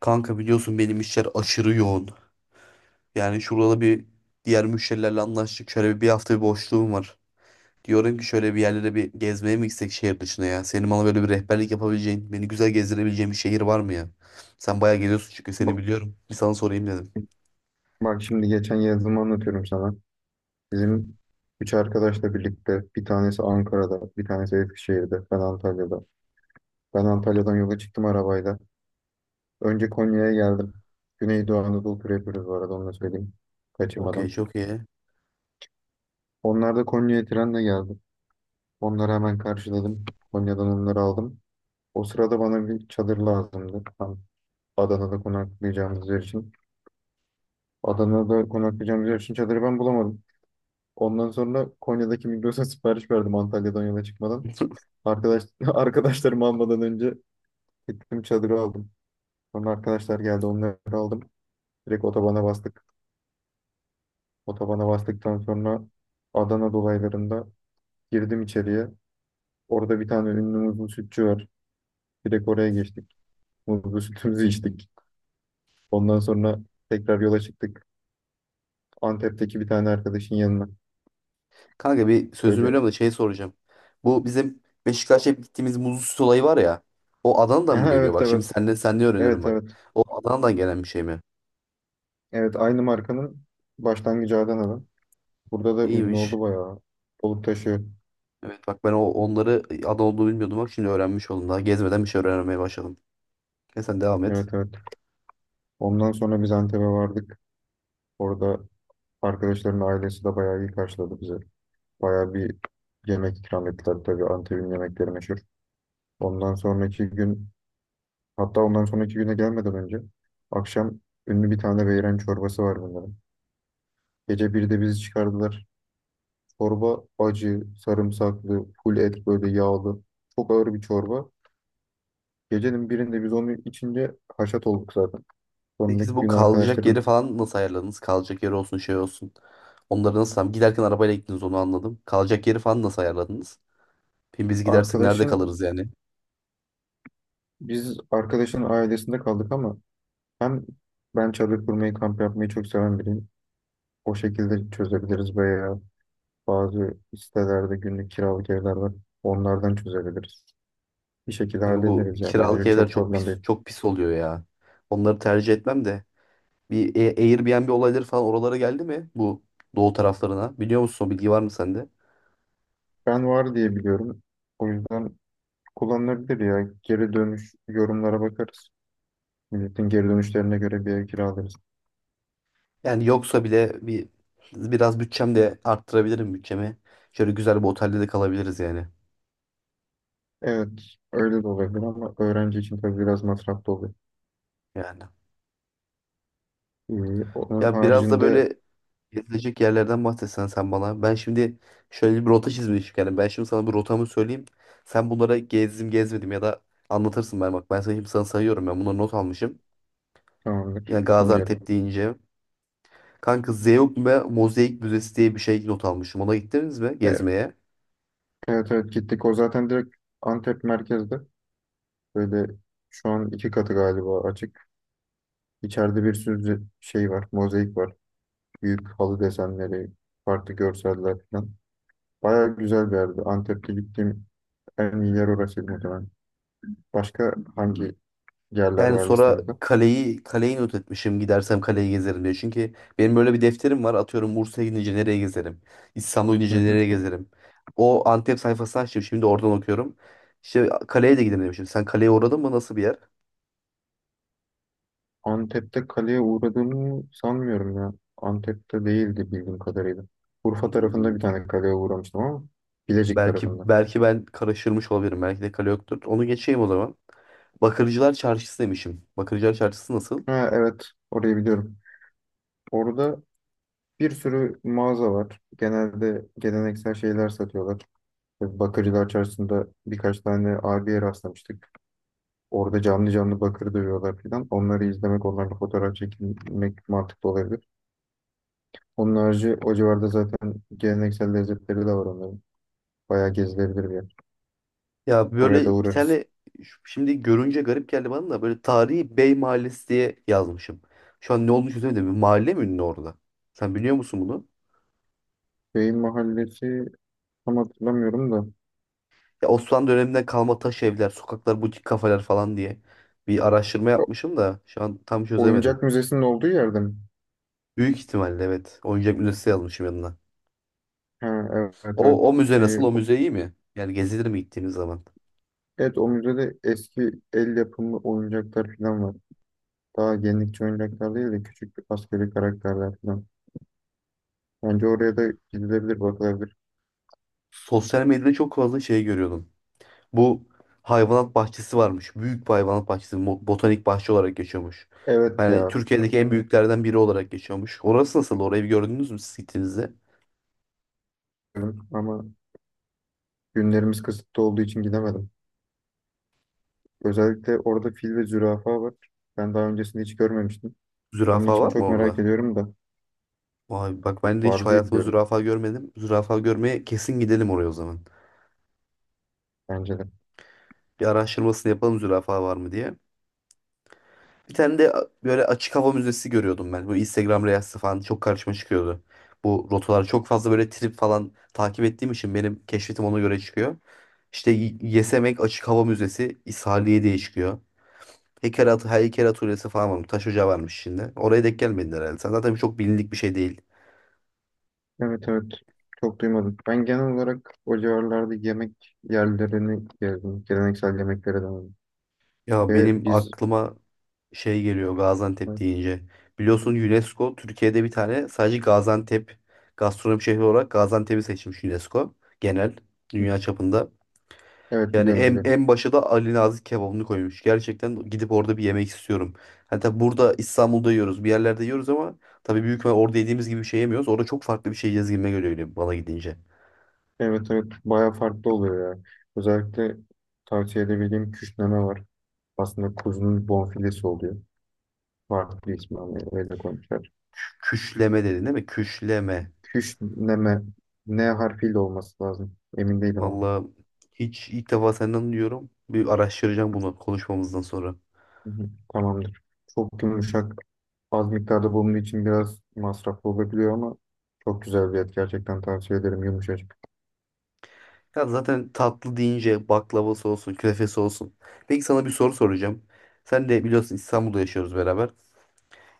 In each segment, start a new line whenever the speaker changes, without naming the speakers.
Kanka biliyorsun benim işler aşırı yoğun. Yani şurada bir diğer müşterilerle anlaştık. Şöyle bir hafta bir boşluğum var. Diyorum ki şöyle bir yerlere bir gezmeye mi gitsek şehir dışına ya? Senin bana böyle bir rehberlik yapabileceğin, beni güzel gezdirebileceğin bir şehir var mı ya? Sen bayağı geziyorsun çünkü seni
Bak,
biliyorum. Bir sana sorayım dedim.
bak şimdi geçen yazımı anlatıyorum sana. Bizim üç arkadaşla birlikte bir tanesi Ankara'da, bir tanesi Eskişehir'de, ben Antalya'da. Ben Antalya'dan yola çıktım arabayla. Önce Konya'ya geldim. Güneydoğu Anadolu turu yapıyoruz, bu arada onu da söyleyeyim.
Okey,
Kaçırmadan.
çok iyi.
Onlar da Konya'ya trenle geldi. Onları hemen karşıladım. Konya'dan onları aldım. O sırada bana bir çadır lazımdı. Tam Adana'da konaklayacağımız yer için. Adana'da konaklayacağımız yer için çadırı ben bulamadım. Ondan sonra Konya'daki Migros'a sipariş verdim Antalya'dan yola çıkmadan. Arkadaş, arkadaşlarımı almadan önce gittim çadırı aldım. Sonra arkadaşlar geldi, onları aldım. Direkt otobana bastık. Otobana bastıktan sonra Adana dolaylarında girdim içeriye. Orada bir tane ünlü muzlu sütçü var. Direkt oraya geçtik. Muzlu sütümüzü içtik. Ondan sonra tekrar yola çıktık. Antep'teki bir tane arkadaşın yanına.
Kanka bir sözünü
Böyle.
bölüyorum da şey soracağım. Bu bizim Beşiktaş'a hep gittiğimiz muzlu süt olayı var ya. O Adana'dan mı geliyor?
Evet,
Bak şimdi
evet.
senden öğreniyorum
Evet,
bak.
evet.
O Adana'dan gelen bir şey mi?
Evet, aynı markanın başlangıcı Adana'da. Burada da ünlü
İyiymiş.
oldu bayağı. Balıktaşı.
Evet bak ben o onları adı olduğunu bilmiyordum, bak şimdi öğrenmiş oldum, daha gezmeden bir şey öğrenmeye başladım. E sen devam et.
Evet, evet. Ondan sonra biz Antep'e vardık. Orada arkadaşların ailesi de bayağı iyi karşıladı bizi. Bayağı bir yemek ikram ettiler. Tabii Antep'in yemekleri meşhur. Ondan sonraki gün, hatta ondan sonraki güne gelmeden önce akşam, ünlü bir tane beyran çorbası var bunların. Gece 1'de bizi çıkardılar. Çorba acı, sarımsaklı, full et, böyle yağlı. Çok ağır bir çorba. Gecenin birinde biz onu içince haşat olduk zaten.
Peki
Sonraki
siz bu
gün
kalacak yeri
arkadaşlarım.
falan nasıl ayarladınız? Kalacak yeri olsun şey olsun. Onları nasıl, tam giderken arabayla gittiniz onu anladım. Kalacak yeri falan nasıl ayarladınız? Şimdi biz gidersek nerede
Arkadaşın,
kalırız yani?
biz arkadaşın ailesinde kaldık ama hem ben çadır kurmayı, kamp yapmayı çok seven biriyim. O şekilde çözebiliriz veya bazı sitelerde günlük kiralık evler var. Onlardan çözebiliriz. Bir şekilde
Kanka bu
hallederiz ya.
kiralık
Bence
evler
çok
çok pis
problem değil.
çok pis oluyor ya. Onları tercih etmem de. Bir Airbnb olayları falan oralara geldi mi bu doğu taraflarına? Biliyor musun, o bilgi var mı sende?
Ben var diye biliyorum. O yüzden kullanılabilir ya. Geri dönüş yorumlara bakarız. Milletin geri dönüşlerine göre bir ev kiralarız.
Yani yoksa bile bir biraz bütçem de arttırabilirim bütçemi. Şöyle güzel bir otelde de kalabiliriz yani.
Evet, öyle de olabilir ama öğrenci için tabii biraz masraflı oluyor.
Yani.
Onun
Ya biraz da
haricinde.
böyle gezilecek yerlerden bahsetsen sen bana. Ben şimdi şöyle bir rota çizmişim. Yani ben şimdi sana bir rotamı söyleyeyim. Sen bunlara gezdim gezmedim ya da anlatırsın ben bak. Ben sana şimdi sayıyorum, ben bunları not almışım.
Tamamdır.
Yani Gaziantep
Dinliyorum.
deyince. Kanka Zeugma Mozaik Müzesi diye bir şey not almışım. Ona gittiniz mi
Evet,
gezmeye?
evet, evet, gittik. O zaten direkt Antep merkezde. Böyle şu an iki katı galiba açık. İçeride bir sürü şey var. Mozaik var. Büyük halı desenleri, farklı görseller falan. Baya güzel bir yerdi. Antep'te gittiğim en iyi yer orasıydı muhtemelen. Başka hangi yerler
Yani
var
sonra
listenizde?
kaleyi not etmişim, gidersem kaleyi gezerim diye. Çünkü benim böyle bir defterim var. Atıyorum Bursa'ya gidince nereye gezerim? İstanbul'a
Hı
gidince
hı.
nereye gezerim? O Antep sayfasını açtım. Şimdi oradan okuyorum. İşte kaleye de gidelim demişim. Sen kaleye uğradın mı? Nasıl bir yer?
Antep'te kaleye uğradığımı sanmıyorum ya. Antep'te değildi bildiğim kadarıyla. Urfa tarafında
Hmm.
bir tane kaleye uğramıştım ama Bilecik
Belki
tarafında.
belki ben karıştırmış olabilirim. Belki de kale yoktur. Onu geçeyim o zaman. Bakırcılar Çarşısı demişim. Bakırcılar Çarşısı nasıl?
Ha, evet, orayı biliyorum. Orada bir sürü mağaza var. Genelde geleneksel şeyler satıyorlar. Bakırcılar Çarşısı'nda birkaç tane abiye rastlamıştık. Orada canlı canlı bakır dövüyorlar filan. Onları izlemek, onlarla fotoğraf çekilmek mantıklı olabilir. Onun harici o civarda zaten geleneksel lezzetleri de var onların. Bayağı gezilebilir bir yer.
Ya
Oraya da
böyle bir
uğrarız.
tane, şimdi görünce garip geldi bana da, böyle tarihi Bey Mahallesi diye yazmışım. Şu an ne olmuş çözemedim, bir mahalle mi ünlü orada? Sen biliyor musun bunu?
Beyin Mahallesi tam hatırlamıyorum da.
Ya Osmanlı döneminden kalma taş evler, sokaklar, butik kafeler falan diye bir araştırma
O-
yapmışım da şu an tam çözemedim.
Oyuncak Müzesi'nin olduğu yerde mi?
Büyük ihtimalle evet. Oyuncak müzesi yazmışım yanına.
Ha, evet,
O
evet.
müze
Ee,
nasıl? O müze iyi mi? Yani gezilir mi gittiğiniz zaman?
evet, o müzede eski el yapımı oyuncaklar falan var. Daha yenilikçi oyuncaklar değil de küçük bir askeri karakterler falan. Bence oraya da gidilebilir, bakılabilir.
Sosyal medyada çok fazla şey görüyordum. Bu hayvanat bahçesi varmış. Büyük bir hayvanat bahçesi. Botanik bahçe olarak geçiyormuş.
Evet
Yani
ya,
Türkiye'deki en büyüklerden biri olarak geçiyormuş. Orası nasıl? Orayı bir gördünüz mü siz gittiğinizde?
diyorum ama günlerimiz kısıtlı olduğu için gidemedim. Özellikle orada fil ve zürafa var. Ben daha öncesinde hiç görmemiştim. Onun
Zürafa
için
var mı
çok merak
orada?
ediyorum da
Vay bak, ben de hiç
var diye
hayatımda
biliyorum,
zürafa görmedim. Zürafa görmeye kesin gidelim oraya o zaman.
bence de.
Bir araştırmasını yapalım zürafa var mı diye. Bir tane de böyle açık hava müzesi görüyordum ben. Bu Instagram Reels'te falan çok karşıma çıkıyordu. Bu rotalar çok fazla böyle trip falan takip ettiğim için benim keşfetim ona göre çıkıyor. İşte Yesemek Açık Hava Müzesi İshaliye diye çıkıyor. Heykel, at heykel atölyesi falan varmış. Taş ocağı varmış şimdi. Oraya denk gelmedin herhalde. Sen zaten, çok bilindik bir şey değil.
Evet, evet, çok duymadım. Ben genel olarak o civarlarda yemek yerlerini gezdim. Geleneksel yemeklere denedim.
Ya benim
Ve biz.
aklıma şey geliyor Gaziantep deyince. Biliyorsun UNESCO Türkiye'de bir tane sadece Gaziantep gastronomi şehri olarak Gaziantep'i seçmiş, UNESCO genel
Hı.
dünya çapında.
Evet,
Yani
biliyorum,
en,
biliyorum.
en başa da Ali Nazik kebabını koymuş. Gerçekten gidip orada bir yemek istiyorum. Hani tabii burada İstanbul'da yiyoruz, bir yerlerde yiyoruz ama tabii büyük ihtimal orada yediğimiz gibi bir şey yemiyoruz. Orada çok farklı bir şey yiyeceğiz gibime geliyor, öyle bana gidince.
Evet, evet, bayağı farklı oluyor ya. Özellikle tavsiye edebildiğim küşneme var. Aslında kuzunun bonfilesi oluyor. Farklı ismi ama öyle koymuşlar.
Küşleme dedin değil mi? Küşleme.
Küşneme N harfiyle olması lazım. Emin değilim ama.
Vallahi hiç ilk defa senden duyuyorum. Bir araştıracağım bunu konuşmamızdan sonra.
Hı hı, tamamdır. Çok yumuşak. Az miktarda bulunduğu için biraz masraflı olabiliyor ama çok güzel bir et. Gerçekten tavsiye ederim. Yumuşacık.
Ya zaten tatlı deyince baklavası olsun, künefesi olsun. Peki sana bir soru soracağım. Sen de biliyorsun İstanbul'da yaşıyoruz beraber.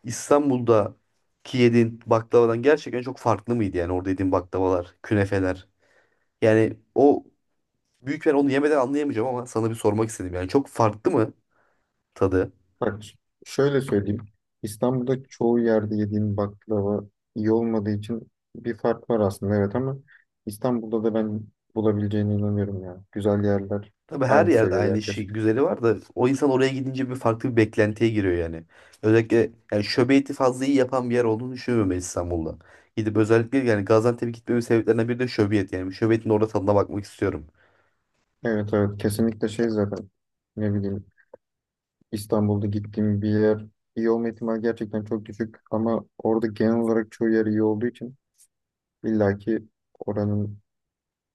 İstanbul'daki yediğin baklavadan gerçekten çok farklı mıydı yani orada yediğin baklavalar, künefeler? Yani o büyük, ben onu yemeden anlayamayacağım ama sana bir sormak istedim. Yani çok farklı mı tadı?
Bak ş- şöyle söyleyeyim. İstanbul'da çoğu yerde yediğim baklava iyi olmadığı için bir fark var aslında, evet, ama İstanbul'da da ben bulabileceğine inanıyorum ya. Güzel yerler
Tabii her
aynı
yerde
seviyede
aynı şey
yaklaşık.
güzeli var da o insan oraya gidince bir farklı bir beklentiye giriyor yani. Özellikle yani şöbiyeti fazla iyi yapan bir yer olduğunu düşünmüyorum ben İstanbul'da. Gidip özellikle yani Gaziantep'e gitmemin sebeplerinden biri de şöbiyet yani. Şöbiyetin orada tadına bakmak istiyorum.
Evet, evet, kesinlikle şey zaten, ne bileyim, İstanbul'da gittiğim bir yer iyi olma ihtimali gerçekten çok düşük ama orada genel olarak çoğu yer iyi olduğu için illaki oranın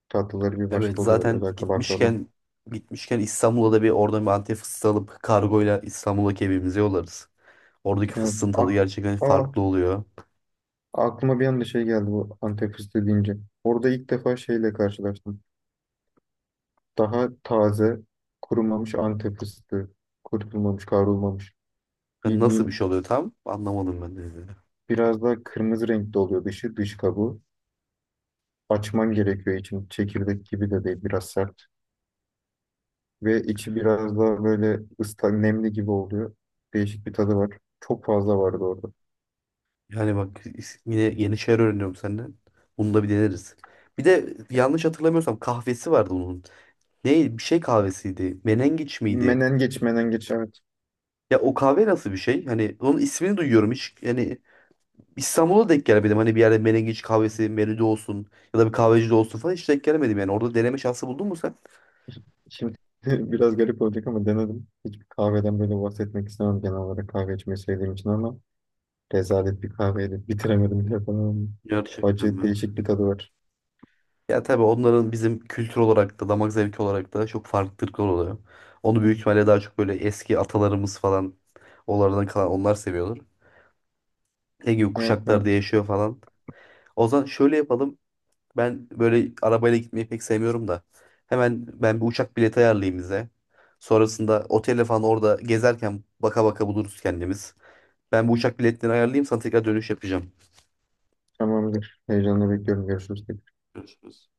tatlıları bir
Evet
başka oluyor,
zaten
özellikle baklava.
gitmişken İstanbul'da da bir oradan bir Antep fıstığı alıp kargoyla İstanbul'daki evimize yollarız. Oradaki
Evet
fıstığın tadı
ak-
gerçekten
Aa,
farklı oluyor.
Aklıma bir anda şey geldi bu Antep fıstığı deyince. Orada ilk defa şeyle karşılaştım. Daha taze, kurumamış Antep fıstığı. Kurutulmamış, kavrulmamış.
Yani nasıl bir
Bildiğin
şey oluyor tam anlamadım ben de.
biraz daha kırmızı renkte oluyor dışı, dış kabuğu. Açman gerekiyor için. Çekirdek gibi de değil, biraz sert. Ve içi biraz daha böyle ıslak, nemli gibi oluyor. Değişik bir tadı var. Çok fazla vardı orada.
Yani bak yine yeni şeyler öğreniyorum senden. Bunu da bir deneriz. Bir de yanlış hatırlamıyorsam kahvesi vardı onun. Ne bir şey kahvesiydi. Menengiç miydi?
Menengeç, menengeç. Evet.
Ya o kahve nasıl bir şey? Hani onun ismini duyuyorum hiç. Yani İstanbul'a denk gelemedim. Hani bir yerde menengiç kahvesi menüde olsun ya da bir kahvecide olsun falan, hiç denk gelemedim yani. Orada deneme şansı buldun mu sen?
Şimdi biraz garip olacak ama denedim. Hiçbir kahveden böyle bahsetmek istemem genel olarak kahve içmeyi sevdiğim için ama rezalet bir kahveydi. Bitiremedim bile falan.
Gerçekten
Acı,
mi?
değişik bir tadı var.
Ya tabii onların bizim kültür olarak da damak zevki olarak da çok farklılıklar oluyor. Onu büyük ihtimalle daha çok böyle eski atalarımız falan, onlardan kalan, onlar seviyorlar. Ege
Evet,
kuşaklarda
evet,
yaşıyor falan. O zaman şöyle yapalım. Ben böyle arabayla gitmeyi pek sevmiyorum da. Hemen ben bir uçak bileti ayarlayayım bize. Sonrasında otele falan, orada gezerken baka baka buluruz kendimiz. Ben bu uçak biletlerini ayarlayayım, sana tekrar dönüş yapacağım.
tamamdır. Heyecanla bekliyorum. Görüşürüz.
Görüşürüz.